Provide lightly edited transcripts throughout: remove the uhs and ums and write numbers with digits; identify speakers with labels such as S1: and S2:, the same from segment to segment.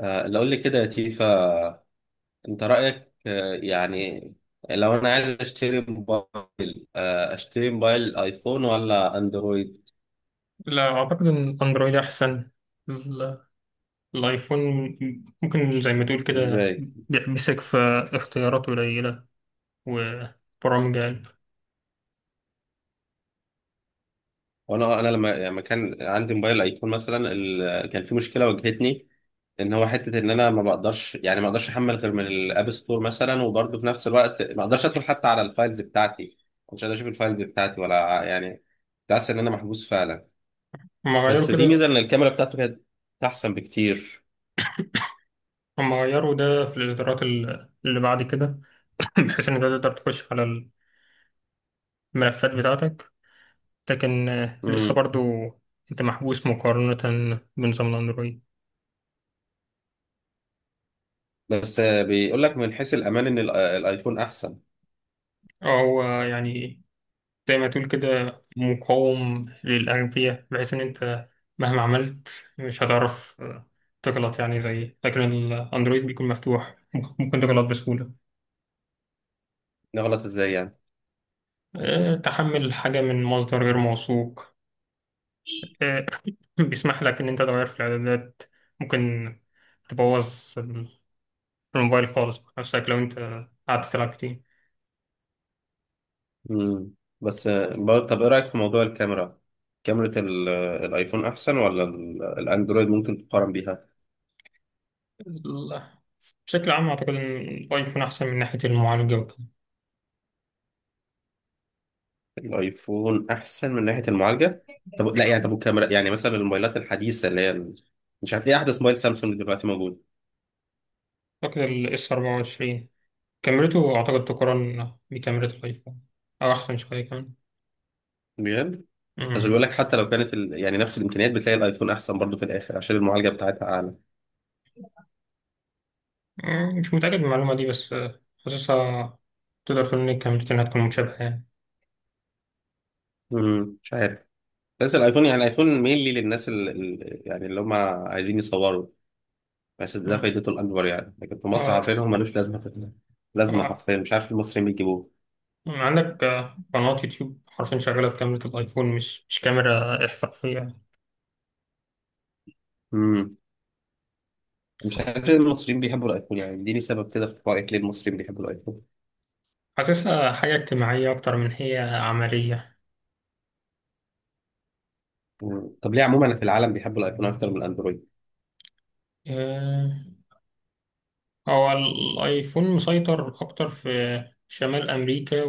S1: لو قول لي كده يا تيفا، انت رأيك يعني. لو انا عايز اشتري موبايل اشتري موبايل ايفون ولا اندرويد؟
S2: لا أعتقد إن الأندرويد أحسن. ال- الآيفون ممكن زي ما تقول كده
S1: ازاي؟
S2: بيحبسك في اختيارات قليلة وبرامج أقل.
S1: وانا لما يعني لما كان عندي موبايل ايفون مثلا كان في مشكلة واجهتني، ان هو حتة ان انا ما بقدرش، يعني ما اقدرش احمل غير من الاب ستور مثلا، وبرضه في نفس الوقت ما اقدرش ادخل حتى على الفايلز بتاعتي. مش قادر اشوف الفايلز بتاعتي، ولا يعني، كنت حاسس ان انا محبوس فعلا.
S2: هما غيروا
S1: بس في ميزة
S2: كده.
S1: ان الكاميرا بتاعته كانت احسن بكتير.
S2: هما غيروا ده في الإصدارات اللي بعد كده. بحيث إنك تقدر تخش على الملفات بتاعتك، لكن لسه برضو أنت محبوس مقارنة بنظام الأندرويد.
S1: بس بيقول لك من حيث الامان ان الايفون احسن.
S2: هو يعني زي ما تقول كده مقاوم للأغبياء، بحيث إن أنت مهما عملت مش هتعرف تغلط يعني زي، لكن الأندرويد بيكون مفتوح ممكن تغلط بسهولة.
S1: نغلط ازاي يعني؟
S2: تحمل حاجة من مصدر غير موثوق. آه، بيسمح لك إن أنت تغير في الإعدادات. ممكن تبوظ الموبايل خالص بنفسك لو أنت قعدت تلعب كتير.
S1: امم. بس طب ايه رايك في موضوع الكاميرا؟ كاميرا الايفون احسن ولا الاندرويد ممكن تقارن بيها؟
S2: ال- بشكل عام أعتقد إن الأيفون أحسن من ناحية المعالجة وكده.
S1: الايفون احسن من ناحيه المعالجه؟ طب لا يعني، طب الكاميرا يعني مثلا الموبايلات الحديثه اللي هي مش هتلاقي احدث موبايل سامسونج دلوقتي موجود.
S2: أعتقد ال S24 كاميرته أعتقد تقارن بكاميرا الآيفون، أو أحسن شوية كمان.
S1: بجد؟ بس
S2: أمم.
S1: بيقول لك حتى لو كانت يعني نفس الامكانيات، بتلاقي الايفون احسن برضه في الاخر عشان المعالجه بتاعتها اعلى.
S2: مش متأكد من المعلومة دي، بس حاسسها. تقدر تقول إن الكاميرتين هتكون متشابهة يعني.
S1: امم، مش عارف. بس الايفون يعني الايفون مينلي للناس يعني اللي هم عايزين يصوروا. بس ده
S2: أمم.
S1: فايدته الاكبر يعني، لكن في مصر،
S2: آه،
S1: عارفين هم ملوش لازمه، لازمه
S2: آه.
S1: حرفيا. مش عارف المصريين بيجيبوه.
S2: عندك قناة يوتيوب حرفيا شغالة بكاميرا الآيفون، مش كاميرا احترافية.
S1: امم. مش عارف ليه المصريين بيحبوا الايفون، يعني اديني سبب كده، في رايك ليه المصريين بيحبوا الايفون؟
S2: حاسسها حاجة اجتماعية أكتر من هي عملية.
S1: مم. طب ليه عموما في العالم بيحبوا الايفون اكتر من الاندرويد؟
S2: آه، هو الآيفون مسيطر أكتر في شمال أمريكا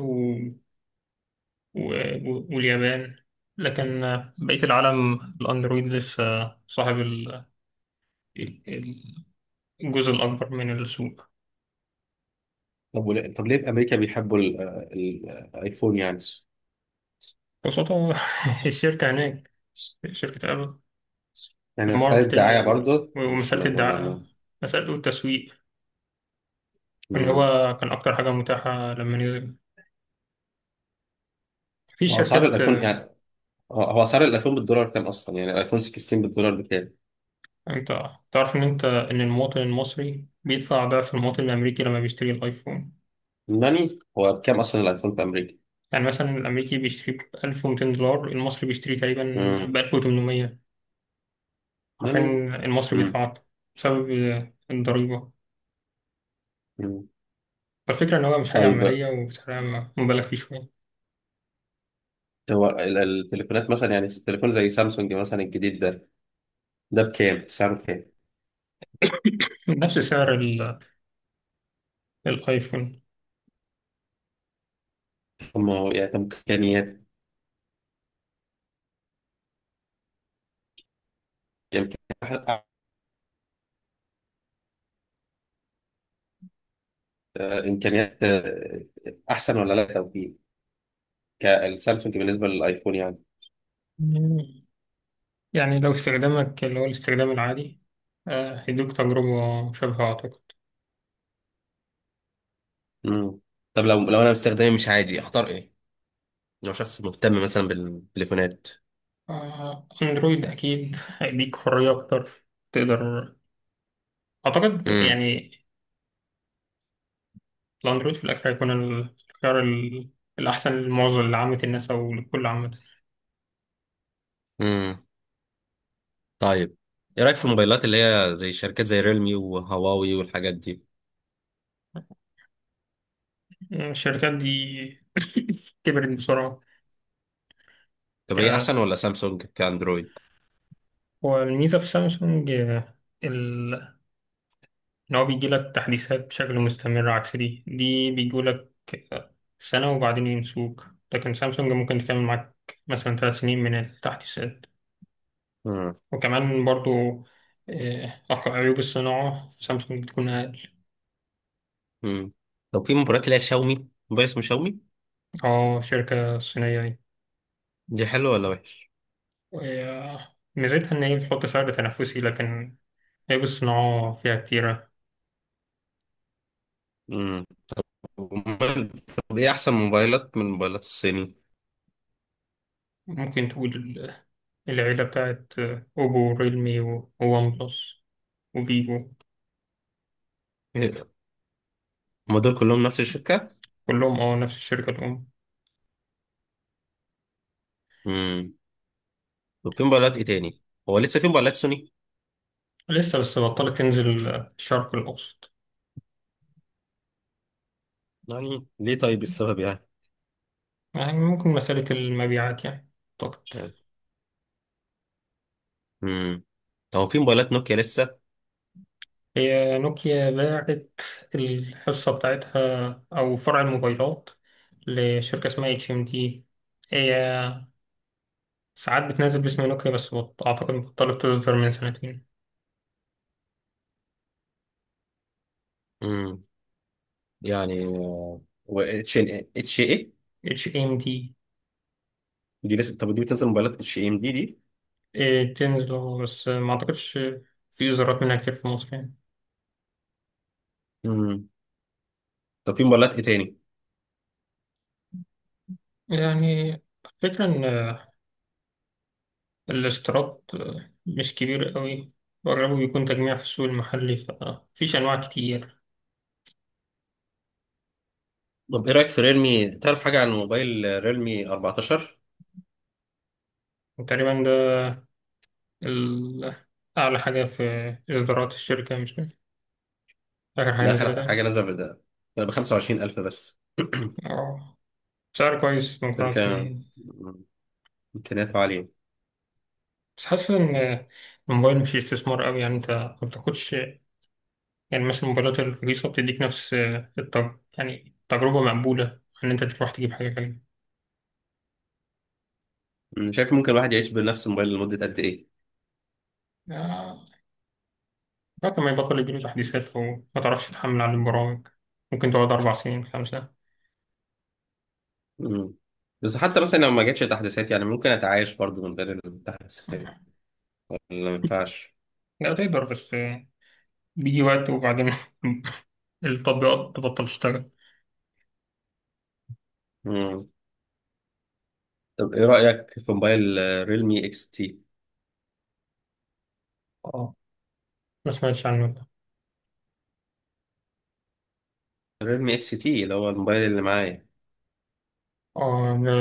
S2: واليابان، لكن بقية العالم الأندرويد لسه صاحب ال- الجزء الأكبر من السوق.
S1: طب طب ليه في امريكا بيحبوا الايفون يعني؟
S2: خاصة الشركة هناك شركة أبل.
S1: يعني مساله دعايه
S2: الماركتينج
S1: برضه، مش
S2: ومسألة
S1: ما... ولا
S2: الدعاية،
S1: ما.
S2: مسألة التسويق اللي
S1: امم.
S2: هو كان أكتر حاجة متاحة لما نزل في
S1: واسعار
S2: شركات.
S1: الايفون يعني، هو اسعار الايفون بالدولار كام اصلا، يعني الايفون 16 بالدولار بكام؟
S2: أنت تعرف إن أنت إن المواطن المصري بيدفع ضعف المواطن الأمريكي لما بيشتري الأيفون.
S1: ناني، هو بكام اصلا الايفون في امريكا؟
S2: يعني مثلا الأمريكي بيشتري ب 1200 دولار، المصري بيشتري تقريبا
S1: امم.
S2: ب 1800. حرفيا
S1: ناني.
S2: المصري
S1: امم.
S2: بيتعاطى بسبب الضريبة.
S1: أمم.
S2: فالفكرة إن هو مش حاجة
S1: طيب،
S2: عملية وسعرها مبالغ فيه شوية.
S1: هو التليفونات مثلا، يعني التليفون زي سامسونج مثلا الجديد ده، ده بكام سعره بكام؟
S2: نفس سعر الآيفون.
S1: هم، يعني طب امكانيات، امكانيات، إمكانيات، احسن ولا لا توفيق؟ كالسامسونج بالنسبه للايفون يعني.
S2: يعني لو استخدامك اللي هو الاستخدام العادي، هيدوك تجربة مشابهة أعتقد.
S1: امم. طب لو انا مستخدمي مش عادي اختار ايه؟ لو شخص مهتم مثلا بالتليفونات.
S2: أندرويد أكيد هيديك حرية أكتر. تقدر، أعتقد
S1: امم.
S2: يعني الأندرويد في الآخر هيكون الخيار الأحسن لمعظم لعامة الناس أو لكل عامة.
S1: امم. طيب، ايه رايك في الموبايلات اللي هي زي شركات زي ريلمي وهواوي والحاجات دي؟
S2: الشركات دي كبرت بسرعة.
S1: طب هي احسن ولا سامسونج كاندرويد؟
S2: هو الميزة في سامسونج ال... إن هو بيجيلك تحديثات بشكل مستمر عكس دي بيجولك سنة وبعدين ينسوك، لكن سامسونج ممكن تكمل معاك مثلا 3 سنين من التحديثات.
S1: امم.
S2: وكمان برضو عيوب الصناعة في سامسونج بتكون أقل.
S1: امم. طب في موبايلات اللي هي شاومي، موبايل اسمه شاومي،
S2: اه شركة صينية دي.
S1: دي حلوه ولا وحش؟
S2: وهي- ميزتها إن هي بتحط سعر تنافسي، لكن عيوب الصناعة فيها كتيرة.
S1: امم. وموبايل- طب ايه احسن موبايلات من موبايلات الصيني؟
S2: ممكن تقول العيلة بتاعت أوبو، ريلمي، وون بلس، وفيجو.
S1: هم دول كلهم نفس الشركه؟
S2: كلهم اه نفس الشركة الأم.
S1: امم. طب في موبايلات ايه تاني، هو لسه في موبايلات سوني؟
S2: لسه بس بطلت تنزل الشرق الأوسط.
S1: يعني ليه طيب، السبب يعني؟
S2: يعني ممكن مسألة المبيعات يعني، أعتقد.
S1: يعني. امم. طب هو في موبايلات نوكيا لسه؟
S2: هي نوكيا باعت الحصة بتاعتها أو فرع الموبايلات لشركة اسمها اتش ام دي. هي ساعات بتنزل باسم نوكيا، بس أعتقد بطلت تصدر من سنتين.
S1: امم. يعني و اتش اتش ايه؟
S2: اتش ام دي
S1: دي لسه، طب دي بتنزل موبايلات اتش ام دي دي؟
S2: تنزل أهو، بس ما أعتقدش في إصدارات منها كتير في مصر يعني.
S1: امم. طب في موبايلات ايه تاني؟
S2: يعني الفكرة إن الاشتراك مش كبير قوي، وأغلبه بيكون تجميع في السوق المحلي فمفيش أنواع كتير.
S1: طب ايه رايك في ريلمي، تعرف حاجه عن موبايل ريلمي 14؟
S2: تقريبا ده ال- أعلى حاجة في إصدارات الشركة، مش كده؟ آخر حاجة
S1: ده آخر
S2: نزلتها.
S1: حاجه نزل ده، ب 25000 بس.
S2: أه، سعر كويس
S1: عشان كده
S2: مقارنة.
S1: امكانياته عاليه.
S2: بس حاسس إن الموبايل مش استثمار قوي، يعني أنت ما بتاخدش. يعني مثلا الموبايلات الرخيصة بتديك نفس يعني تجربة مقبولة، إن أنت تروح تجيب حاجة
S1: أمم، شايف ممكن الواحد يعيش بنفس الموبايل لمده قد ايه؟
S2: غالية، لكن ما يبطل يجيله تحديثات وما تعرفش تتحمل على البرامج. ممكن تقعد أربع سنين، خمسة.
S1: أمم. بس حتى مثلا لو ما جاتش تحديثات يعني، ممكن اتعايش برضو من غير التحديثات ولا ما ينفعش؟
S2: لا تقدر، بس بيجي وقت وبعدين التطبيقات تبطل تشتغل.
S1: أمم. طب ايه رايك في موبايل ريلمي اكس تي؟
S2: اه، ما سمعتش عنه ده.
S1: ريلمي اكس تي اللي هو الموبايل اللي معايا.
S2: اه ده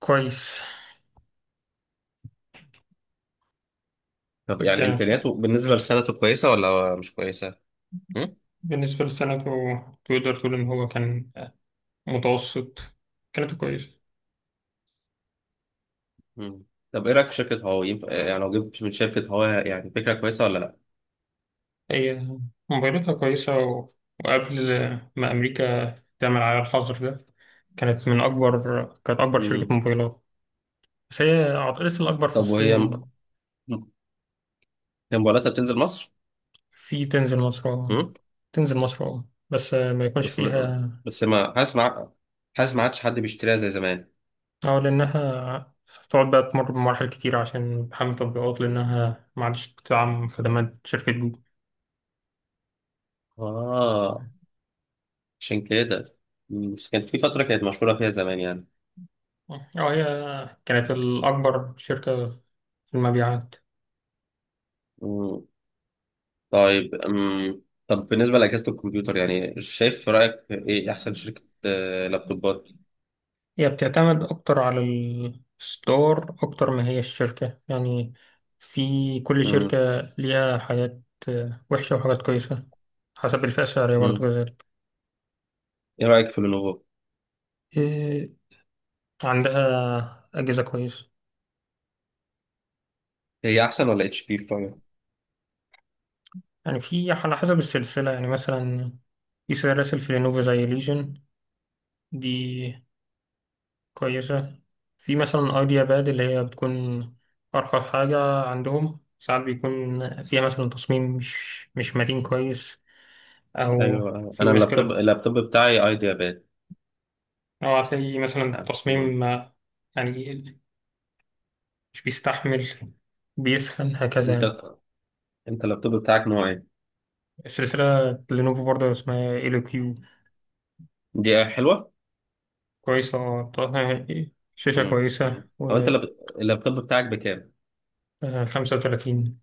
S2: كويس.
S1: طب يعني
S2: كان شوية.
S1: امكانياته بالنسبه لسنته كويسه ولا مش كويسه؟ أمم.
S2: بالنسبة لسنته تقدر تقول إن هو كان متوسط. كانت كويسة.
S1: مم. طب ايه رايك في شركه هواوي، يعني لو جبت من شركه هواوي يعني فكره كويسه ولا لا؟
S2: هي موبايلاتها كويسة و... وقبل ما أمريكا تعمل على الحظر ده، كانت أكبر شركة
S1: مم.
S2: موبايلات. بس هي لسه الأكبر في
S1: طب وهي، م-
S2: الصين.
S1: هي موبايلاتها بتنزل مصر؟
S2: في تنزل مصر أه.
S1: مم.
S2: تنزل مصر أه. بس ما يكونش
S1: بس
S2: فيها.
S1: بس ما حاسس ما حاسس ما عادش حد بيشتريها زي زمان.
S2: أه لأنها تقعد بقى تمر بمراحل كتير عشان تحمل تطبيقات، لأنها ما عادش تدعم خدمات شركة جوجل.
S1: اه، عشان كده. مم. بس كانت في فتره كانت مشهوره فيها زمان يعني.
S2: أه هي كانت الأكبر شركة في المبيعات.
S1: مم. طيب. مم. طب بالنسبه لاجهزه الكمبيوتر يعني، شايف في رايك ايه احسن شركه لابتوبات؟
S2: هي بتعتمد أكتر على الستور أكتر ما هي الشركة، يعني في كل شركة
S1: مم.
S2: ليها حاجات وحشة وحاجات كويسة، حسب الفئة السعرية برضه
S1: مم.
S2: كذلك.
S1: ايه رايك في لينوفو؟
S2: آه، عندها أجهزة كويسة.
S1: هي احسن ولا اتش بي؟
S2: يعني في على حسب السلسلة، يعني مثلا في سلاسل في لينوفو زي ليجن، دي كويسة. في مثلا أيديا باد اللي هي بتكون أرخص حاجة عندهم، ساعات بيكون فيها مثلا تصميم مش متين كويس، أو
S1: ايوه، أيوة.
S2: في
S1: انا اللابتوب
S2: مشكلة.
S1: اللابتوب بتاعي ايديا باد.
S2: أو هتلاقي مثلا تصميم
S1: مم.
S2: يعني مش بيستحمل، بيسخن هكذا
S1: انت
S2: يعني.
S1: انت اللابتوب بتاعك نوع ايه؟
S2: سلسلة لينوفو برضه اسمها ال كيو.
S1: دي حلوه.
S2: كويسة، طرحها، شاشة
S1: مم.
S2: كويسة
S1: او
S2: و
S1: انت اللابتوب بتاعك بكام؟
S2: 35.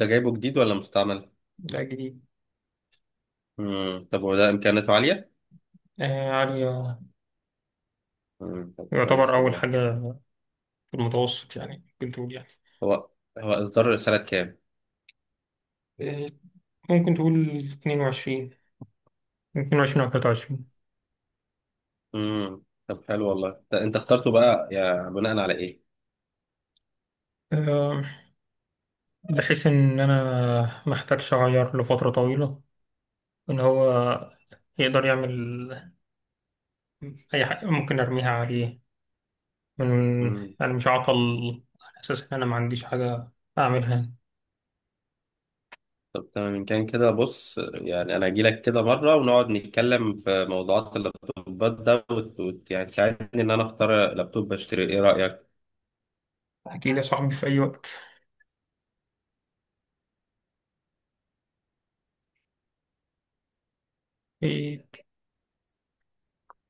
S1: انت جايبه جديد ولا مستعمل؟
S2: ده جديد.
S1: مم. طب وده امكانياته عاليه؟
S2: عالية.
S1: مم. طب
S2: يعتبر
S1: كويس
S2: أول
S1: والله.
S2: حاجة في المتوسط، يعني ممكن تقول يعني
S1: هو هو اصدار سنه كام؟
S2: آه، ممكن تقول 22، 22 أو 23.
S1: مم. طب حلو والله، أنت اخترته بقى يا بناء على
S2: آه، بحيث إن أنا محتاجش أغير لفترة طويلة، إن هو يقدر يعمل أي حاجة ممكن أرميها عليه من،
S1: ايه؟
S2: يعني مش عطل على أساس إن أنا ما عنديش حاجة أعملها.
S1: طب تمام، إن كان كده بص، يعني أنا أجيلك كده مرة ونقعد نتكلم في موضوعات اللابتوبات ده، يعني تساعدني إن أنا أختار لابتوب أشتري، إيه رأيك؟
S2: أكيد يا صاحبي في أي وقت.